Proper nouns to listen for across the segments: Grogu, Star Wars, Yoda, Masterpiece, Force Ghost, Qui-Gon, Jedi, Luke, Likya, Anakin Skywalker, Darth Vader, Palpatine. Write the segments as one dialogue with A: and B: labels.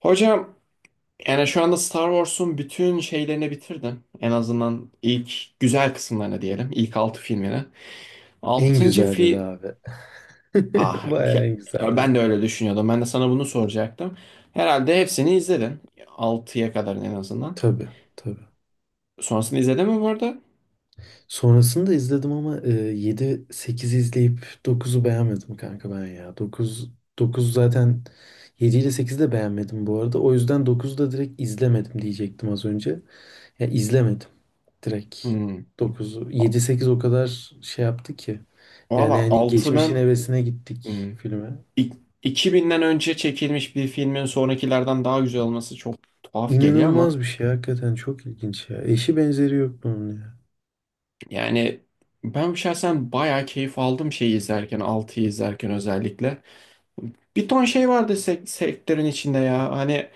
A: Hocam yani şu anda Star Wars'un bütün şeylerini bitirdim. En azından ilk güzel kısımlarını diyelim. İlk 6 filmini.
B: En
A: 6.
B: güzelleri
A: film...
B: abi.
A: Ah
B: Bayağı
A: ke-
B: en güzelleri.
A: Ben de öyle düşünüyordum. Ben de sana bunu soracaktım. Herhalde hepsini izledin, altıya kadar en azından.
B: Tabii tabii.
A: Sonrasını izledin mi bu arada?
B: Sonrasında izledim ama 7-8'i izleyip dokuzu beğenmedim kanka ben ya. 9 zaten 7 ile 8'i de beğenmedim bu arada. O yüzden dokuzu da direkt izlemedim diyecektim az önce. Ya izlemedim direkt
A: Hmm.
B: dokuzu. Yedi sekiz o kadar şey yaptı ki. Yani
A: Valla
B: hani geçmişin
A: 6'nın
B: hevesine gittik
A: hmm.
B: filme.
A: İk- 2000'den önce çekilmiş bir filmin sonrakilerden daha güzel olması çok tuhaf geliyor ama.
B: İnanılmaz bir şey hakikaten çok ilginç ya. Eşi benzeri yok bunun ya.
A: Yani ben şahsen bayağı keyif aldım şeyi izlerken, altıyı izlerken özellikle. Bir ton şey vardı sektörün içinde ya. Hani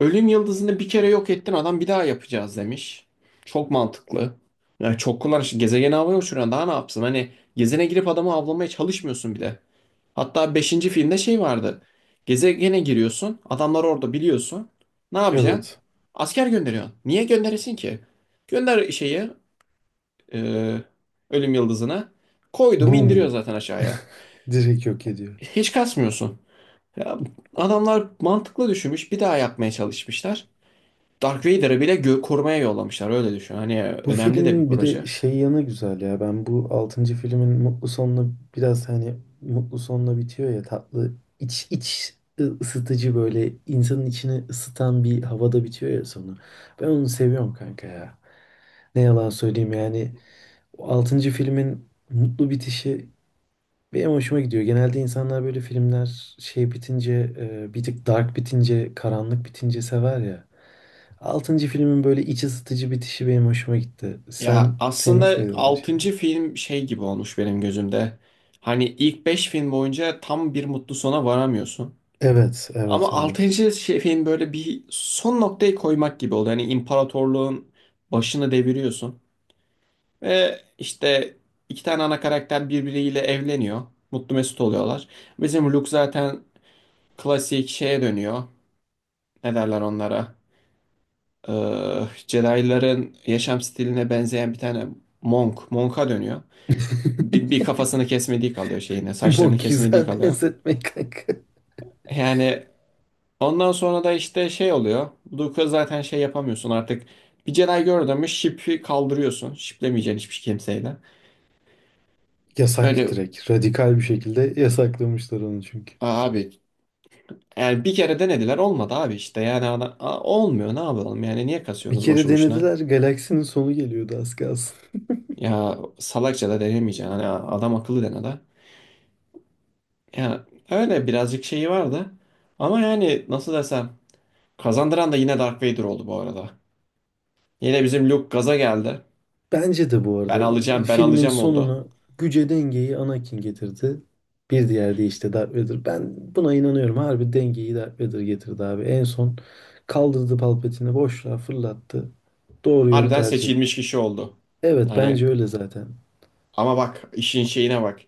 A: ölüm yıldızını bir kere yok ettin, adam bir daha yapacağız demiş. Çok mantıklı. Ya çok kullanışlı. Gezegeni havaya uçuran daha ne yapsın? Hani gezene girip adamı avlamaya çalışmıyorsun bile. Hatta beşinci filmde şey vardı. Gezegene giriyorsun. Adamlar orada biliyorsun. Ne yapacaksın?
B: Evet.
A: Asker gönderiyorsun. Niye gönderesin ki? Gönder şeyi, e, ölüm yıldızını, koydum indiriyor
B: Boom.
A: zaten aşağıya.
B: Direkt yok ediyor.
A: Hiç kasmıyorsun. Ya, adamlar mantıklı düşünmüş, bir daha yapmaya çalışmışlar. Dark Vader'ı bile korumaya yollamışlar, öyle düşün. Hani
B: Bu
A: önemli de bir
B: filmin bir
A: proje.
B: de şey yanı güzel ya. Ben bu altıncı filmin mutlu sonunu biraz hani mutlu sonla bitiyor ya tatlı iç ısıtıcı böyle insanın içini ısıtan bir havada bitiyor ya sonu. Ben onu seviyorum kanka ya. Ne yalan söyleyeyim yani o 6. filmin mutlu bitişi benim hoşuma gidiyor. Genelde insanlar böyle filmler şey bitince bir tık dark bitince karanlık bitince sever ya. Altıncı filmin böyle iç ısıtıcı bitişi benim hoşuma gitti.
A: Ya
B: Sen sevmiş
A: aslında
B: miydin o
A: 6.
B: şeyi?
A: film şey gibi olmuş benim gözümde. Hani ilk 5 film boyunca tam bir mutlu sona varamıyorsun.
B: Evet, evet,
A: Ama
B: evet.
A: 6. şey, film böyle bir son noktayı koymak gibi oldu. Hani imparatorluğun başını deviriyorsun. Ve işte iki tane ana karakter birbiriyle evleniyor. Mutlu mesut oluyorlar. Bizim Luke zaten klasik şeye dönüyor. Ne derler onlara? Ee, Jedi'ların yaşam stiline benzeyen bir tane monk. Monk'a dönüyor. Bir kafasını kesmediği kalıyor şeyine.
B: O
A: Saçlarını kesmediği
B: güzel
A: kalıyor.
B: benzetme kanka.
A: Yani ondan sonra da işte şey oluyor. Luke'a zaten şey yapamıyorsun artık. Bir Jedi gördün mü ship'i kaldırıyorsun. Ship'lemeyeceksin hiçbir kimseyle.
B: Yasak
A: Öyle
B: direkt. Radikal bir şekilde yasaklamışlar onu çünkü.
A: abi. Yani bir kere denediler, olmadı abi, işte yani olmuyor, ne yapalım yani, niye
B: Bir
A: kasıyorsunuz
B: kere
A: boşu boşuna?
B: denediler, galaksinin sonu geliyordu az kalsın.
A: Ya salakça da denemeyeceksin, hani adam akıllı dene de. Ya öyle birazcık şeyi vardı ama yani nasıl desem, kazandıran da yine Dark Vader oldu bu arada. Yine bizim Luke gaza geldi,
B: Bence de bu
A: ben
B: arada
A: alacağım ben
B: filmin
A: alacağım oldu.
B: sonunu güce dengeyi Anakin getirdi. Bir diğer de işte Darth Vader. Ben buna inanıyorum. Harbi dengeyi Darth Vader getirdi abi. En son kaldırdı Palpatine'i boşluğa fırlattı. Doğru yolu
A: Harbiden
B: tercih etti.
A: seçilmiş kişi oldu.
B: Evet, bence
A: Hani
B: öyle zaten.
A: ama bak işin şeyine bak.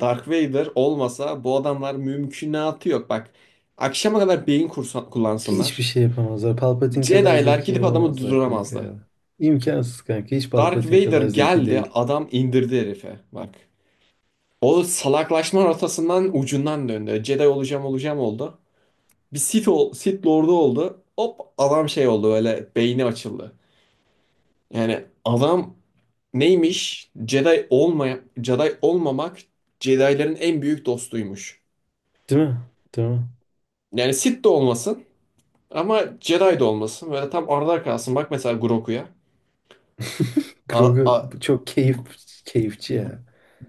A: Dark Vader olmasa bu adamlar mümkünatı yok bak. Akşama kadar beyin
B: Hiçbir
A: kullansınlar.
B: şey yapamazlar. Palpatine kadar
A: Jedi'lar
B: zeki
A: gidip adamı
B: olamazlar kanka
A: durduramazdı.
B: ya. İmkansız kanka. Hiç
A: Dark
B: Palpatine
A: Vader
B: kadar zeki
A: geldi,
B: değil.
A: adam indirdi herife. Bak. O salaklaşma rotasından ucundan döndü. Jedi olacağım olacağım oldu. Bir Sith Lord'u oldu. Hop adam şey oldu, öyle beyni açıldı. Yani adam neymiş? Jedi olmaya Jedi olmamak, Jedi'lerin en büyük dostuymuş.
B: Değil mi? Değil mi?
A: Yani Sith de olmasın ama Jedi de olmasın. Böyle tam arada kalsın. Bak mesela Grogu'ya. A-
B: Grogu
A: a-
B: çok keyif keyifçi
A: Gu-
B: ya.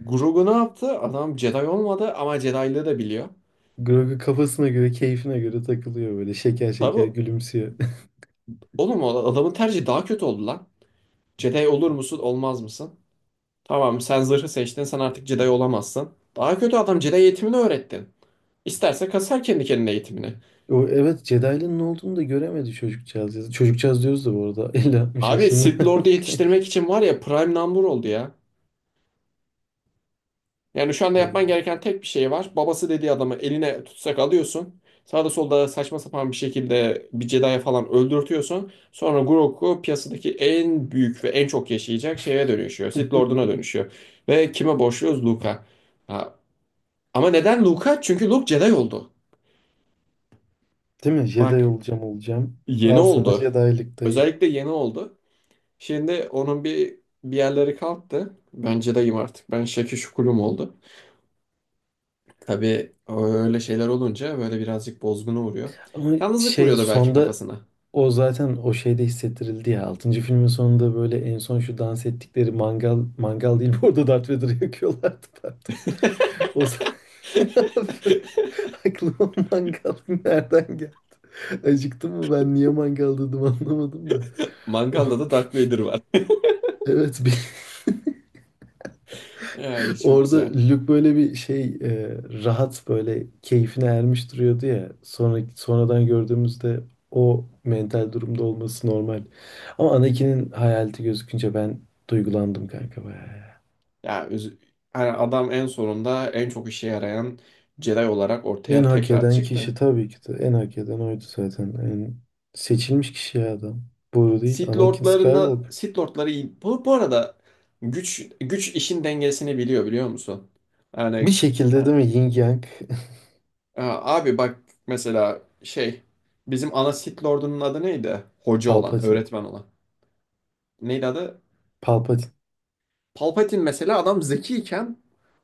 A: Grogu ne yaptı? Adam Jedi olmadı ama Jedi'lığı da biliyor.
B: Grogu kafasına göre, keyfine göre takılıyor böyle şeker şeker
A: Tabi
B: gülümsüyor.
A: oğlum, o adamın tercihi daha kötü oldu lan. Jedi olur musun olmaz mısın? Tamam, sen zırhı seçtin, sen artık Jedi olamazsın. Daha kötü, adam Jedi eğitimini öğrettin. İsterse kasar kendi kendine eğitimini.
B: O evet, Jedi'nin ne olduğunu da göremedi çocukcağız ya. Çocukcağız diyoruz da bu arada 50-60
A: Abi
B: yaşında.
A: Sith Lord'u
B: Kanka.
A: yetiştirmek için var ya, prime number oldu ya. Yani şu anda
B: Abi.
A: yapman gereken tek bir şey var. Babası dediği adamı eline tutsak alıyorsun. Sağda solda saçma sapan bir şekilde bir Jedi'ye falan öldürtüyorsun. Sonra Grogu piyasadaki en büyük ve en çok yaşayacak şeye dönüşüyor. Sith Lord'una dönüşüyor. Ve kime borçluyuz? Luke'a. Ha, ama neden Luke'a? Çünkü Luke Jedi oldu.
B: Değil mi?
A: Bak
B: Jedi olacağım olacağım.
A: yeni
B: Al sana
A: oldu.
B: Jedi'lik dayı.
A: Özellikle yeni oldu. Şimdi onun bir bir yerleri kalktı. Ben Jedi'yim artık. Ben Şekil Şukulum oldu. Tabii öyle şeyler olunca böyle birazcık bozguna uğruyor.
B: Ama
A: Yalnızlık
B: şey
A: vuruyordur belki
B: sonda
A: kafasına.
B: o şeyde hissettirildi ya. 6. filmin sonunda böyle en son şu dans ettikleri mangal değil bu arada, Darth Vader'ı yakıyorlardı, pardon. O aklıma mangal nereden geldi? Acıktım mı ben, niye mangal dedim anlamadım da. O,
A: Mangalda da Darth Vader var.
B: evet,
A: Ay, çok
B: orada
A: güzel.
B: Luke böyle bir şey rahat böyle keyfine ermiş duruyordu ya. Sonra sonradan gördüğümüzde o mental durumda olması normal. Ama Anakin'in hayaleti gözükünce ben duygulandım kanka bayağı ya.
A: Ya yani adam en sonunda en çok işe yarayan Jedi olarak
B: En
A: ortaya
B: hak
A: tekrar
B: eden kişi,
A: çıktı.
B: tabii ki de en hak eden oydu zaten. En seçilmiş kişi ya adam. Boru değil
A: Sith
B: Anakin
A: Lord'larına
B: Skywalker.
A: Sith Lord'ları iyi. Bu arada güç güç işin dengesini biliyor biliyor musun?
B: Bir
A: Yani
B: şekilde değil mi, Yin Yang.
A: Aa, abi bak, mesela şey, bizim ana Sith Lord'unun adı neydi? Hoca olan,
B: Palpatine.
A: öğretmen olan. Neydi adı?
B: Palpatine.
A: Palpatine mesela, adam zekiyken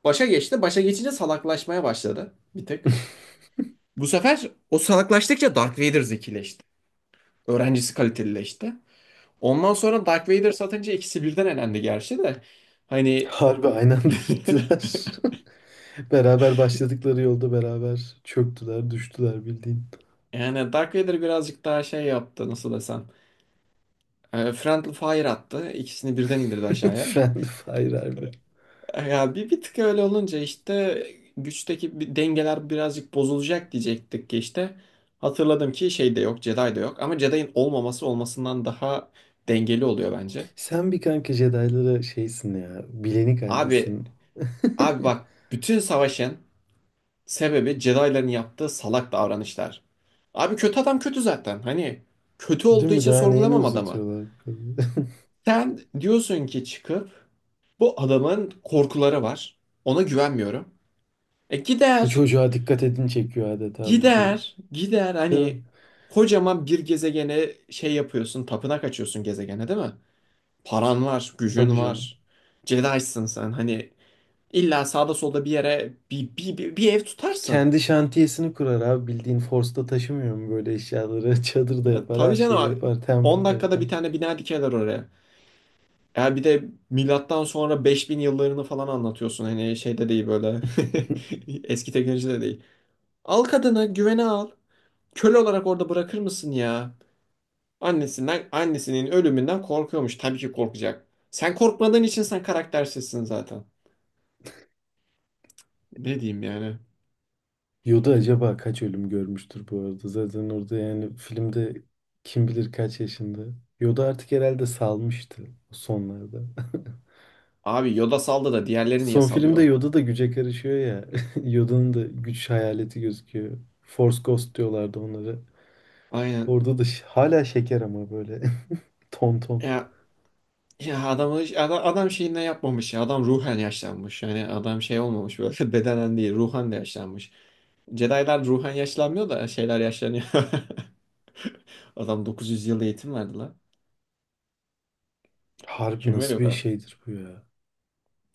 A: başa geçti. Başa geçince salaklaşmaya başladı bir tık. Bu sefer o salaklaştıkça Darth Vader zekileşti. Öğrencisi kalitelileşti. Ondan sonra Darth Vader satınca ikisi birden elendi gerçi de. Hani
B: Harbi aynı anda gittiler. Beraber başladıkları yolda beraber çöktüler, düştüler bildiğin.
A: yani Dark Vader birazcık daha şey yaptı, nasıl desem. Friendly Fire attı. İkisini birden indirdi aşağıya.
B: Friend fire harbi.
A: Ya bir tık öyle olunca işte güçteki bir dengeler birazcık bozulacak diyecektik ki işte. Hatırladım ki şey de yok, Jedi de yok. Ama Jedi'in olmaması olmasından daha dengeli oluyor bence.
B: Sen bir kanka Jedi'lara şeysin ya. Bilenik
A: Abi,
B: haldesin.
A: abi bak, bütün savaşın sebebi Jedi'ların yaptığı salak davranışlar. Abi kötü adam kötü zaten. Hani kötü
B: Değil
A: olduğu
B: mi?
A: için
B: Daha neyini
A: sorgulamam adamı.
B: uzatıyorlar bu kadar?
A: Sen diyorsun ki çıkıp bu adamın korkuları var. Ona güvenmiyorum. E
B: Bu
A: gider.
B: çocuğa dikkat edin çekiyor adeta bildiğin.
A: Gider, gider.
B: Değil
A: Hani
B: mi?
A: kocaman bir gezegene şey yapıyorsun, tapınak açıyorsun gezegene, değil mi? Paran var,
B: Tabii
A: gücün
B: canım.
A: var. Jedi'sın sen. Hani illa sağda solda bir yere bir ev tutarsın.
B: Kendi şantiyesini kurar abi bildiğin, Force'da taşımıyor mu böyle eşyaları? Çadır da
A: Ya,
B: yapar,
A: tabii
B: her
A: canım
B: şeyi
A: abi.
B: yapar,
A: 10
B: temple da
A: dakikada bir
B: yapar.
A: tane bina dikerler oraya. Eğer bir de milattan sonra 5000 yıllarını falan anlatıyorsun. Hani şeyde değil böyle. Eski teknolojide değil. Al kadını, güvene al. Köle olarak orada bırakır mısın ya? Annesinden, annesinin ölümünden korkuyormuş. Tabii ki korkacak. Sen korkmadığın için sen karaktersizsin zaten. Ne diyeyim yani?
B: Yoda acaba kaç ölüm görmüştür bu arada? Zaten orada yani filmde kim bilir kaç yaşında. Yoda artık herhalde salmıştı o sonlarda.
A: Abi Yoda saldı da diğerleri niye
B: Son filmde
A: salıyor?
B: Yoda da güce karışıyor ya. Yoda'nın da güç hayaleti gözüküyor. Force Ghost diyorlardı onlara.
A: Aynen.
B: Orada da hala şeker ama böyle ton ton.
A: Ya, ya adamı, adam şeyinden yapmamış ya. Adam ruhen yaşlanmış. Yani adam şey olmamış böyle bedenen değil. Ruhen de yaşlanmış. Jedi'lar ruhen yaşlanmıyor da şeyler yaşlanıyor. Adam 900 yıl eğitim verdi lan.
B: Harbi
A: Kim veriyor o
B: nasıl bir
A: kadar?
B: şeydir bu ya?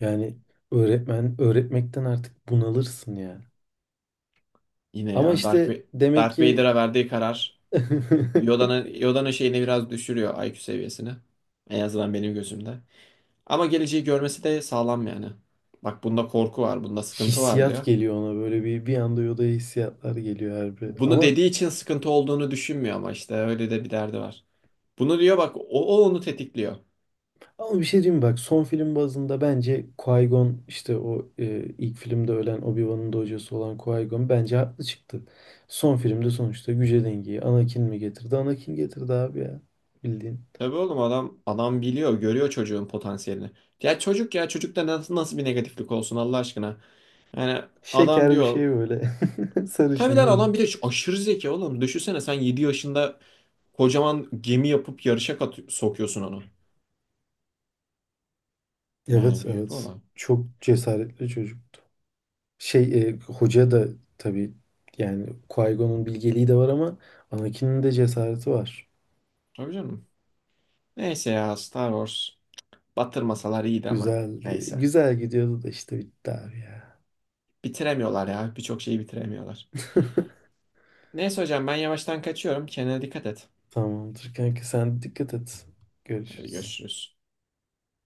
B: Yani öğretmen öğretmekten artık bunalırsın ya.
A: Yine
B: Ama
A: ya
B: işte demek
A: Darth
B: ki
A: Vader'a verdiği karar Yoda'nın Yoda'nın şeyini biraz düşürüyor IQ seviyesini. En azından benim gözümde. Ama geleceği görmesi de sağlam yani. Bak bunda korku var, bunda sıkıntı var diyor.
B: hissiyat geliyor ona, böyle bir bir anda Yoda'ya hissiyatlar geliyor her bir.
A: Bunu
B: Ama
A: dediği için sıkıntı olduğunu düşünmüyor ama işte öyle de bir derdi var. Bunu diyor bak, o onu tetikliyor.
B: ama bir şey diyeyim mi? Bak son film bazında bence Qui-Gon, işte o ilk filmde ölen Obi-Wan'ın da hocası olan Qui-Gon bence haklı çıktı. Son filmde sonuçta güce dengeyi Anakin mi getirdi? Anakin getirdi abi ya, bildiğin.
A: Tabii oğlum, adam biliyor, görüyor çocuğun potansiyelini. Ya çocuk ya çocukta nasıl bir negatiflik olsun Allah aşkına. Yani adam
B: Şeker bir
A: diyor.
B: şey böyle.
A: Tabii
B: Sarışın
A: lan adam, bir
B: minik.
A: de şu aşırı zeki oğlum. Düşünsene, sen 7 yaşında kocaman gemi yapıp yarışa kat sokuyorsun onu.
B: Evet,
A: Yani büyük bir
B: evet.
A: olay.
B: Çok cesaretli çocuk. Şey hoca da tabii, yani Qui-Gon'un bilgeliği de var ama Anakin'in de cesareti var.
A: Tabii canım. Neyse ya, Star Wars. Batırmasalar iyiydi ama.
B: Güzeldi.
A: Neyse.
B: Güzel gidiyordu da işte bitti abi ya.
A: Bitiremiyorlar ya. Birçok şeyi bitiremiyorlar. Neyse hocam, ben yavaştan kaçıyorum. Kendine dikkat et.
B: Tamamdır kanka, sen dikkat et.
A: Hadi
B: Görüşürüz.
A: görüşürüz.